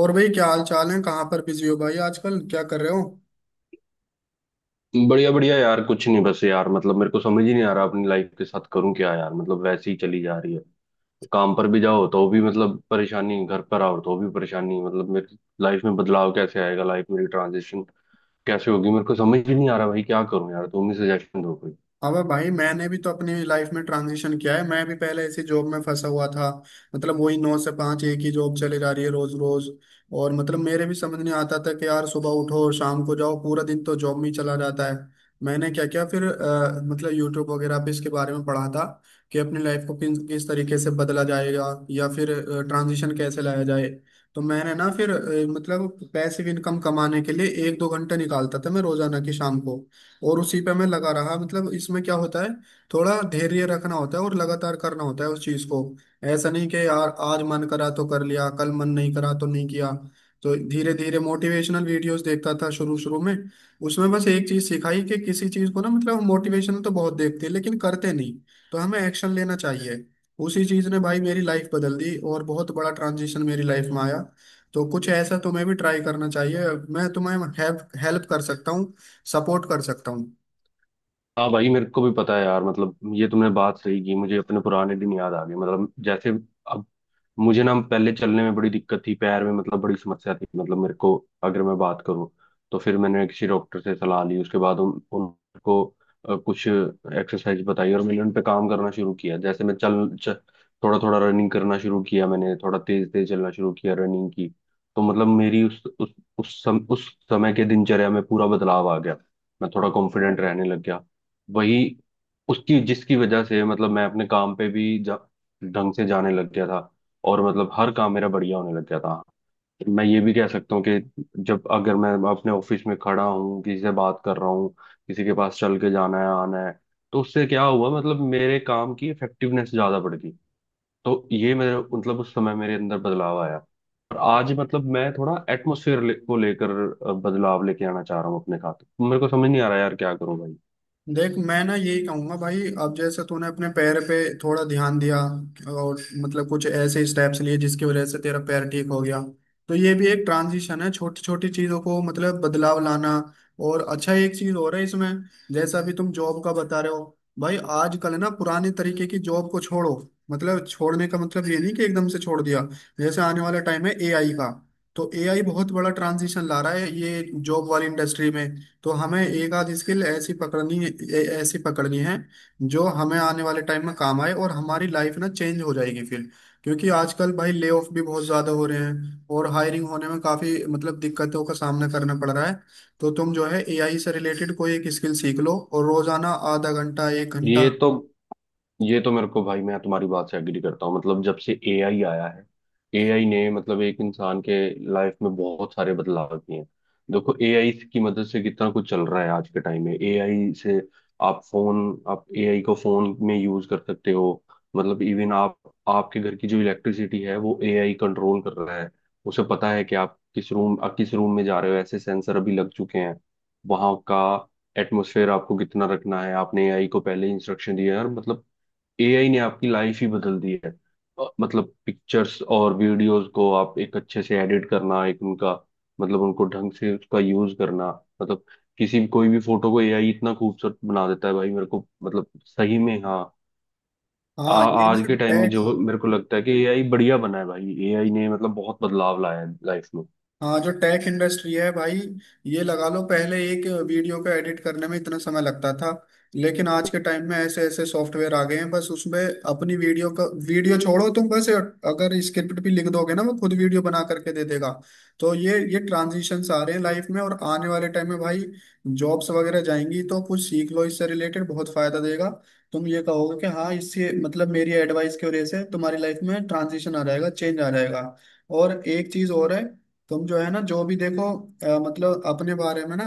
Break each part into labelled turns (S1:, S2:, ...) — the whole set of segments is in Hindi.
S1: और भाई, क्या हाल चाल है? कहाँ पर बिजी हो भाई आजकल? क्या कर रहे हो?
S2: बढ़िया बढ़िया यार कुछ नहीं बस यार मतलब मेरे को समझ ही नहीं आ रहा अपनी लाइफ के साथ करूं क्या यार मतलब वैसे ही चली जा रही है। काम पर भी जाओ तो भी मतलब परेशानी घर पर आओ तो भी परेशानी। मतलब मेरी लाइफ में बदलाव कैसे आएगा लाइफ मेरी ट्रांजिशन कैसे होगी मेरे को समझ ही नहीं आ रहा भाई क्या करूं यार तुम ही सजेशन दो कोई।
S1: अबे भाई, मैंने भी तो अपनी लाइफ में ट्रांजिशन किया है। मैं भी पहले ऐसी जॉब में फंसा हुआ था। मतलब वही 9 से 5, एक ही जॉब चली जा रही है रोज रोज। और मतलब मेरे भी समझ नहीं आता था कि यार सुबह उठो और शाम को जाओ, पूरा दिन तो जॉब में ही चला जाता है। मैंने क्या किया फिर, मतलब यूट्यूब वगैरह पे इसके बारे में पढ़ा था कि अपनी लाइफ को किस किस तरीके से बदला जाएगा या फिर ट्रांजिशन कैसे लाया जाए। तो मैंने ना फिर, मतलब पैसिव इनकम कमाने के लिए एक दो घंटे निकालता था मैं रोजाना की शाम को। और उसी पे मैं लगा रहा। मतलब इसमें क्या होता है, थोड़ा धैर्य रखना होता है और लगातार करना होता है उस चीज को। ऐसा नहीं कि यार आज मन करा तो कर लिया, कल मन नहीं करा तो नहीं किया। तो धीरे धीरे मोटिवेशनल वीडियोस देखता था शुरू शुरू में। उसमें बस एक चीज सिखाई कि किसी चीज को ना, मतलब मोटिवेशन तो बहुत देखते हैं लेकिन करते नहीं। तो हमें एक्शन लेना चाहिए। उसी चीज ने भाई मेरी लाइफ बदल दी और बहुत बड़ा ट्रांजिशन मेरी लाइफ में आया। तो कुछ ऐसा तुम्हें भी ट्राई करना चाहिए। मैं तुम्हें हेल्प हेल्प कर सकता हूँ, सपोर्ट कर सकता हूँ।
S2: हाँ भाई मेरे को भी पता है यार मतलब ये तुमने बात सही की। मुझे अपने पुराने दिन याद आ गए मतलब जैसे अब मुझे ना पहले चलने में बड़ी दिक्कत थी पैर में मतलब बड़ी समस्या थी मतलब मेरे को। अगर मैं बात करूँ तो फिर मैंने किसी डॉक्टर से सलाह ली उसके बाद उन उनको कुछ एक्सरसाइज बताई और मैंने उन पे काम करना शुरू किया। जैसे मैं थोड़ा थोड़ा रनिंग करना शुरू किया मैंने थोड़ा तेज तेज चलना शुरू किया रनिंग की। तो मतलब मेरी उस समय के दिनचर्या में पूरा बदलाव आ गया। मैं थोड़ा कॉन्फिडेंट रहने लग गया। वही उसकी जिसकी वजह से मतलब मैं अपने काम पे भी ढंग से जाने लग गया था। और मतलब हर काम मेरा बढ़िया होने लग गया था। मैं ये भी कह सकता हूँ कि जब अगर मैं अपने ऑफिस में खड़ा हूँ किसी से बात कर रहा हूँ किसी के पास चल के जाना है आना है तो उससे क्या हुआ मतलब मेरे काम की इफेक्टिवनेस ज्यादा बढ़ गई। तो ये मेरे मतलब उस समय मेरे अंदर बदलाव आया। और आज मतलब मैं थोड़ा एटमोसफेयर को लेकर बदलाव लेके आना चाह रहा हूँ अपने साथ। मेरे को समझ नहीं आ रहा यार क्या करूँ भाई।
S1: देख, मैं ना यही कहूंगा भाई, अब जैसे तूने अपने पैर पे थोड़ा ध्यान दिया और मतलब कुछ ऐसे स्टेप्स लिए जिसकी वजह से तेरा पैर ठीक हो गया। तो ये भी एक ट्रांजिशन है, छोटी छोटी चीजों को मतलब बदलाव लाना। और अच्छा एक चीज हो रहा है इसमें, जैसा अभी तुम जॉब का बता रहे हो भाई, आजकल ना पुराने तरीके की जॉब को छोड़ो। मतलब छोड़ने का मतलब ये नहीं कि एकदम से छोड़ दिया। जैसे आने वाला टाइम है एआई का। तो एआई बहुत बड़ा ट्रांजिशन ला रहा है ये जॉब वाली इंडस्ट्री में। तो हमें एक आध स्किल ऐसी पकड़नी है, ऐसी पकड़नी है, जो हमें आने वाले टाइम में काम आए और हमारी लाइफ ना चेंज हो जाएगी फिर। क्योंकि आजकल भाई ले ऑफ भी बहुत ज्यादा हो रहे हैं और हायरिंग होने में काफी मतलब दिक्कतों का सामना करना पड़ रहा है। तो तुम जो है एआई से रिलेटेड कोई एक स्किल सीख लो, और रोजाना आधा घंटा एक घंटा।
S2: ये तो ये तो मेरे को भाई मैं तुम्हारी बात से एग्री करता हूँ मतलब जब से एआई आया है। एआई ने मतलब एक इंसान के लाइफ में बहुत सारे बदलाव किए हैं। देखो एआई की मदद से कितना कुछ चल रहा है आज के टाइम में एआई से आप फोन आप एआई को फोन में यूज कर सकते हो। मतलब इवन आप आपके घर की जो इलेक्ट्रिसिटी है वो एआई कंट्रोल कर रहा है। उसे पता है कि आप किस रूम में जा रहे हो ऐसे सेंसर अभी लग चुके हैं। वहां का एटमोसफेयर आपको कितना रखना है आपने एआई को पहले इंस्ट्रक्शन दिया है और मतलब एआई ने आपकी लाइफ ही बदल दी है। मतलब पिक्चर्स और वीडियोस को आप एक अच्छे से एडिट करना एक उनका मतलब उनको ढंग से उसका यूज करना। मतलब किसी कोई भी फोटो को एआई इतना खूबसूरत बना देता है भाई मेरे को मतलब सही में। हाँ।
S1: हाँ। ये ना,
S2: आज के टाइम में जो मेरे को लगता है कि एआई बढ़िया बना है भाई एआई ने मतलब बहुत बदलाव लाया है लाइफ में।
S1: हाँ जो टेक इंडस्ट्री है भाई, ये लगा लो पहले एक वीडियो को एडिट करने में इतना समय लगता था, लेकिन आज के टाइम में ऐसे ऐसे सॉफ्टवेयर आ गए हैं, बस उसमें अपनी वीडियो का वीडियो छोड़ो, तुम बस अगर स्क्रिप्ट भी लिख दोगे ना, वो खुद वीडियो बना करके दे देगा। तो ये ट्रांजिशंस आ रहे हैं लाइफ में, और आने वाले टाइम में भाई जॉब्स वगैरह जाएंगी, तो कुछ सीख लो इससे रिलेटेड, बहुत फायदा देगा। तुम ये कहोगे कि हाँ इससे मतलब मेरी एडवाइस की वजह से तुम्हारी लाइफ में ट्रांजिशन आ जाएगा, चेंज आ जाएगा। और एक चीज और है, तुम जो है ना, जो भी देखो मतलब अपने बारे में ना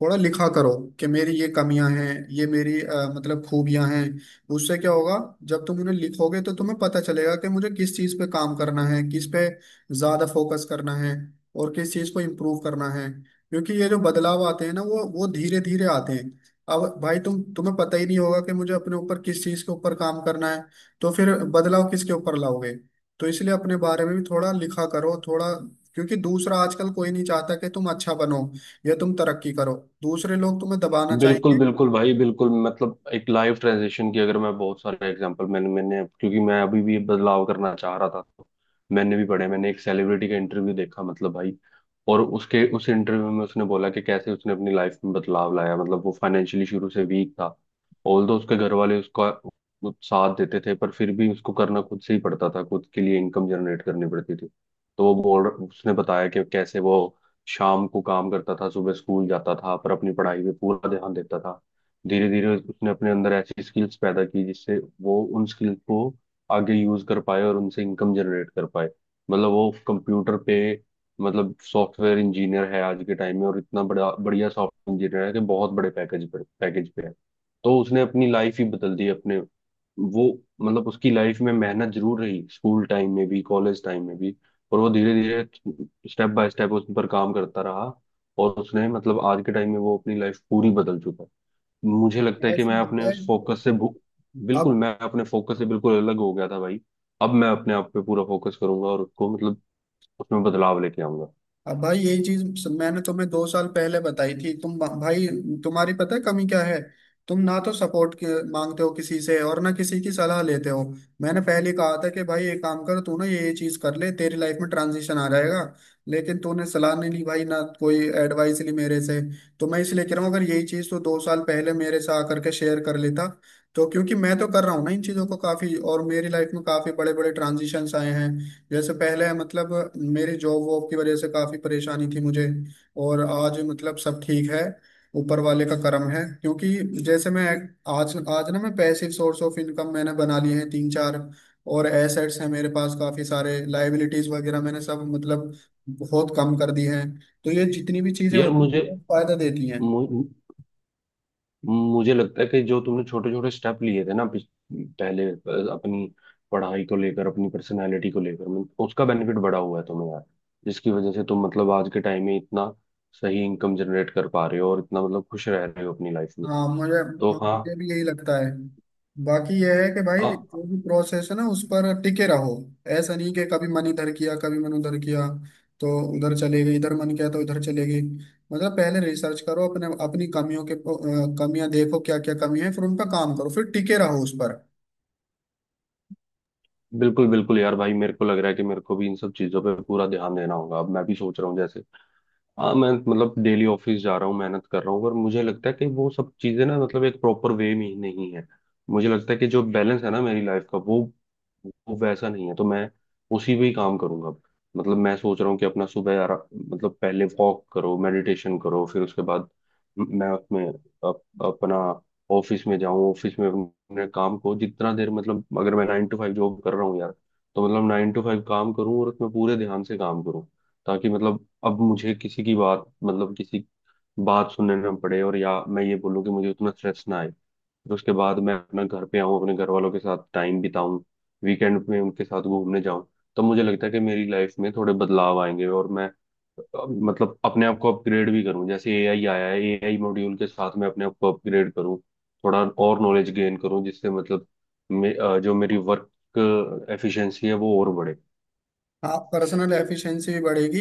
S1: थोड़ा लिखा करो कि मेरी ये कमियां हैं, ये मेरी मतलब खूबियां हैं। उससे क्या होगा, जब तुम उन्हें लिखोगे तो तुम्हें पता चलेगा कि मुझे किस चीज पे काम करना है, किस पे ज्यादा फोकस करना है और किस चीज को इम्प्रूव करना है। क्योंकि ये जो बदलाव आते हैं ना, वो धीरे धीरे आते हैं। अब भाई, तुम्हें पता ही नहीं होगा कि मुझे अपने ऊपर किस चीज के ऊपर काम करना है। तो फिर बदलाव किसके ऊपर लाओगे? तो इसलिए अपने बारे में भी थोड़ा लिखा करो थोड़ा। क्योंकि दूसरा आजकल कोई नहीं चाहता कि तुम अच्छा बनो या तुम तरक्की करो, दूसरे लोग तुम्हें दबाना
S2: बिल्कुल
S1: चाहेंगे।
S2: बिल्कुल भाई बिल्कुल मतलब एक लाइफ ट्रांजिशन की अगर मैं बहुत सारे एग्जांपल मैंने मैंने क्योंकि मैं अभी भी बदलाव करना चाह रहा था। तो मैंने भी पढ़े मैंने एक सेलिब्रिटी का इंटरव्यू देखा मतलब भाई। और उसके उस इंटरव्यू में उसने बोला कि कैसे उसने अपनी लाइफ में बदलाव लाया। मतलब वो फाइनेंशियली शुरू से वीक था। ऑल्दो उसके घर वाले उसका वो साथ देते थे पर फिर भी उसको करना खुद से ही पड़ता था खुद के लिए इनकम जनरेट करनी पड़ती थी। तो वो बोल उसने बताया कि कैसे वो शाम को काम करता था सुबह स्कूल जाता था पर अपनी पढ़ाई पे पूरा ध्यान देता था। धीरे धीरे उसने अपने अंदर ऐसी स्किल्स पैदा की जिससे वो उन स्किल्स को आगे यूज कर पाए और उनसे इनकम जनरेट कर पाए। मतलब वो कंप्यूटर पे मतलब सॉफ्टवेयर इंजीनियर है आज के टाइम में और इतना बड़ा बढ़िया सॉफ्टवेयर इंजीनियर है कि बहुत बड़े पैकेज पे है। तो उसने अपनी लाइफ ही बदल दी अपने। वो मतलब उसकी लाइफ में मेहनत जरूर रही स्कूल टाइम में भी कॉलेज टाइम में भी। और वो धीरे धीरे स्टेप बाय स्टेप उस पर काम करता रहा। और उसने मतलब आज के टाइम में वो अपनी लाइफ पूरी बदल चुका है। मुझे लगता है कि
S1: ऐसी
S2: मैं
S1: बात
S2: अपने
S1: है।
S2: उस फोकस से बिल्कुल
S1: अब।
S2: मैं अपने फोकस से बिल्कुल अलग हो गया था भाई। अब मैं अपने आप पे पूरा फोकस करूंगा और उसको मतलब उसमें बदलाव लेके आऊंगा।
S1: अब भाई यही चीज मैंने तुम्हें 2 साल पहले बताई थी तुम भाई। तुम्हारी पता है कमी क्या है? तुम ना तो सपोर्ट मांगते हो किसी से और ना किसी की सलाह लेते हो। मैंने पहले कहा था कि भाई ये काम कर, तू ना ये चीज कर ले, तेरी लाइफ में ट्रांजिशन आ जाएगा। लेकिन तूने सलाह नहीं ली भाई, ना कोई एडवाइस ली मेरे से। तो मैं इसलिए कह रहा हूँ, अगर यही चीज तो 2 साल पहले मेरे से आकर के शेयर कर लेता, तो क्योंकि मैं तो कर रहा हूँ ना इन चीजों को काफी, और मेरी लाइफ में काफी बड़े बड़े ट्रांजिशंस आए हैं। जैसे पहले मतलब मेरी जॉब वॉब की वजह से काफी परेशानी थी मुझे, और आज मतलब सब ठीक है, ऊपर वाले का करम है। क्योंकि जैसे मैं आज आज ना, मैं पैसिव सोर्स ऑफ इनकम मैंने बना लिए हैं तीन चार, और एसेट्स हैं मेरे पास काफी सारे, लाइबिलिटीज वगैरह मैंने सब मतलब बहुत कम कर दी हैं। तो ये जितनी भी चीजें
S2: यार
S1: होती हैं बहुत फायदा देती हैं।
S2: मु, मुझे लगता है कि जो तुमने छोटे छोटे स्टेप लिए थे ना पहले अपनी पढ़ाई को लेकर अपनी पर्सनालिटी को लेकर उसका बेनिफिट बड़ा हुआ है तुम्हें यार। जिसकी वजह से तुम मतलब आज के टाइम में इतना सही इनकम जनरेट कर पा रहे हो और इतना मतलब खुश रह रहे हो अपनी लाइफ में।
S1: हाँ। मुझे,
S2: तो हाँ।
S1: भी यही लगता है। बाकी यह है कि भाई जो
S2: हाँ।
S1: भी प्रोसेस है ना उस पर टिके रहो। ऐसा नहीं कि कभी मन इधर किया कभी मन उधर किया, तो उधर चले गई, इधर मन किया तो इधर चले गई। मतलब पहले रिसर्च करो अपने, अपनी कमियों के, कमियां देखो क्या क्या कमी है, फिर उन पर काम करो, फिर टिके रहो उस पर।
S2: बिल्कुल बिल्कुल यार भाई मेरे को लग रहा है कि मेरे को भी इन सब चीजों पे पूरा ध्यान देना होगा। अब मैं भी सोच रहा हूँ जैसे हाँ मैं मतलब डेली ऑफिस जा रहा हूँ मेहनत कर रहा हूँ पर मुझे लगता है कि वो सब चीजें ना मतलब एक प्रॉपर वे में ही नहीं है। मुझे लगता है कि जो बैलेंस है ना मेरी लाइफ का वो वैसा नहीं है। तो मैं उसी पे ही काम करूंगा। मतलब मैं सोच रहा हूँ कि अपना सुबह मतलब पहले वॉक करो मेडिटेशन करो फिर उसके बाद मैं उसमें अपना ऑफिस में जाऊँ। ऑफिस में अपने काम को जितना देर मतलब अगर मैं 9 to 5 जॉब कर रहा हूँ यार तो मतलब 9 to 5 काम करूँ और उसमें पूरे ध्यान से काम करूँ। ताकि मतलब अब मुझे किसी की बात मतलब किसी बात सुनने ना पड़े और या मैं ये बोलूँ कि मुझे उतना स्ट्रेस ना आए। फिर उसके बाद मैं अपना घर पे आऊँ अपने घर वालों के साथ टाइम बिताऊं वीकेंड में उनके साथ घूमने जाऊं। तो मुझे लगता है कि मेरी लाइफ में थोड़े बदलाव आएंगे और मैं मतलब अपने आप को अपग्रेड भी करूं। जैसे एआई आया है एआई मॉड्यूल के साथ मैं अपने आप को अपग्रेड करूं थोड़ा और नॉलेज गेन करूं जिससे मतलब जो मेरी वर्क एफिशिएंसी है वो और बढ़े।
S1: हाँ, पर्सनल एफिशिएंसी भी बढ़ेगी।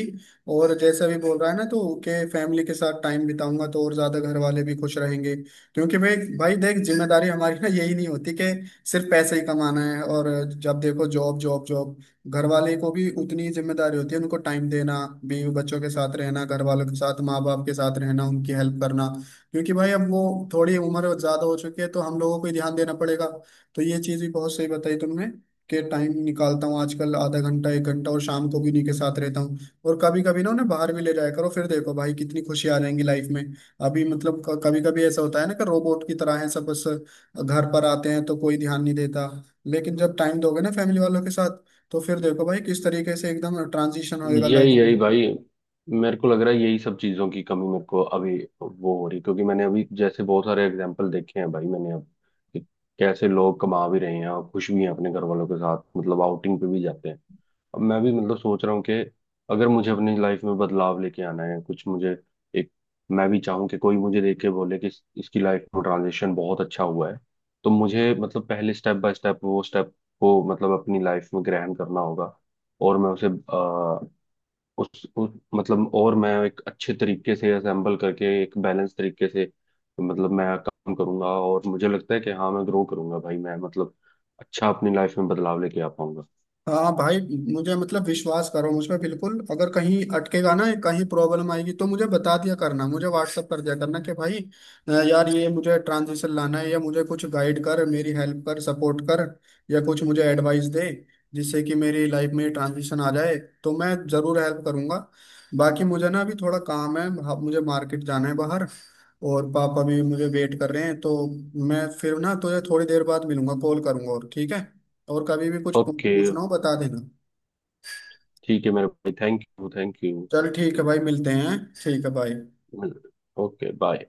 S1: और जैसा भी बोल रहा है ना तो के फैमिली के साथ टाइम बिताऊंगा, तो और ज्यादा घर वाले भी खुश रहेंगे। क्योंकि भाई भाई देख, जिम्मेदारी हमारी ना यही नहीं होती कि सिर्फ पैसे ही कमाना है और जब देखो जॉब जॉब जॉब। घर वाले को भी उतनी ही जिम्मेदारी होती है, उनको टाइम देना, बीवी बच्चों के साथ रहना, घर वालों के साथ माँ बाप के साथ रहना, उनकी हेल्प करना। क्योंकि भाई अब वो थोड़ी उम्र ज्यादा हो चुकी है, तो हम लोगों को ही ध्यान देना पड़ेगा। तो ये चीज़ भी बहुत सही बताई तुमने। के टाइम निकालता हूँ आजकल आधा घंटा एक घंटा, और शाम को भी उन्हीं के साथ रहता हूँ। और कभी कभी ना उन्हें बाहर भी ले जाया करो, फिर देखो भाई कितनी खुशी आ जाएंगी लाइफ में। अभी मतलब कभी कभी ऐसा होता है ना, कि रोबोट की तरह है सब, बस घर पर आते हैं तो कोई ध्यान नहीं देता। लेकिन जब टाइम दोगे ना फैमिली वालों के साथ, तो फिर देखो भाई किस तरीके से एकदम ट्रांजिशन होएगा
S2: यही
S1: लाइफ
S2: यही
S1: में।
S2: भाई मेरे को लग रहा है यही सब चीजों की कमी मेरे को अभी वो हो रही है। क्योंकि मैंने अभी जैसे बहुत सारे एग्जांपल देखे हैं भाई मैंने अब कि कैसे लोग कमा भी रहे हैं और खुश भी हैं अपने घर वालों के साथ मतलब आउटिंग पे भी जाते हैं। अब मैं भी मतलब सोच रहा हूँ कि अगर मुझे अपनी लाइफ में बदलाव लेके आना है कुछ मुझे एक मैं भी चाहूँ कि कोई मुझे देख के बोले कि इसकी लाइफ में ट्रांजिशन बहुत अच्छा हुआ है। तो मुझे मतलब पहले स्टेप बाय स्टेप वो स्टेप को मतलब अपनी लाइफ में ग्रहण करना होगा। और मैं उसे उस मतलब और मैं एक अच्छे तरीके से असेंबल करके एक बैलेंस तरीके से मतलब मैं काम करूंगा। और मुझे लगता है कि हाँ मैं ग्रो करूंगा भाई मैं मतलब अच्छा अपनी लाइफ में बदलाव लेके आ पाऊंगा।
S1: हाँ भाई, मुझे मतलब विश्वास करो मुझ पे बिल्कुल। अगर कहीं अटकेगा ना, कहीं प्रॉब्लम आएगी तो मुझे बता दिया करना, मुझे व्हाट्सअप कर दिया करना कि भाई यार ये मुझे ट्रांजिशन लाना है, या मुझे कुछ गाइड कर, मेरी हेल्प कर, सपोर्ट कर, या कुछ मुझे एडवाइस दे जिससे कि मेरी लाइफ में ट्रांजिशन आ जाए, तो मैं ज़रूर हेल्प करूंगा। बाकी मुझे ना अभी थोड़ा काम है। हाँ, मुझे मार्केट जाना है बाहर, और पापा भी मुझे वेट कर रहे हैं। तो मैं फिर ना तुझे थोड़ी देर बाद मिलूंगा, कॉल करूंगा, और ठीक है। और कभी भी कुछ पू-
S2: ओके
S1: पूछना हो बता देना।
S2: ठीक है मेरे भाई थैंक यू थैंक यू।
S1: चल ठीक है भाई, मिलते हैं, ठीक है भाई।
S2: Okay bye.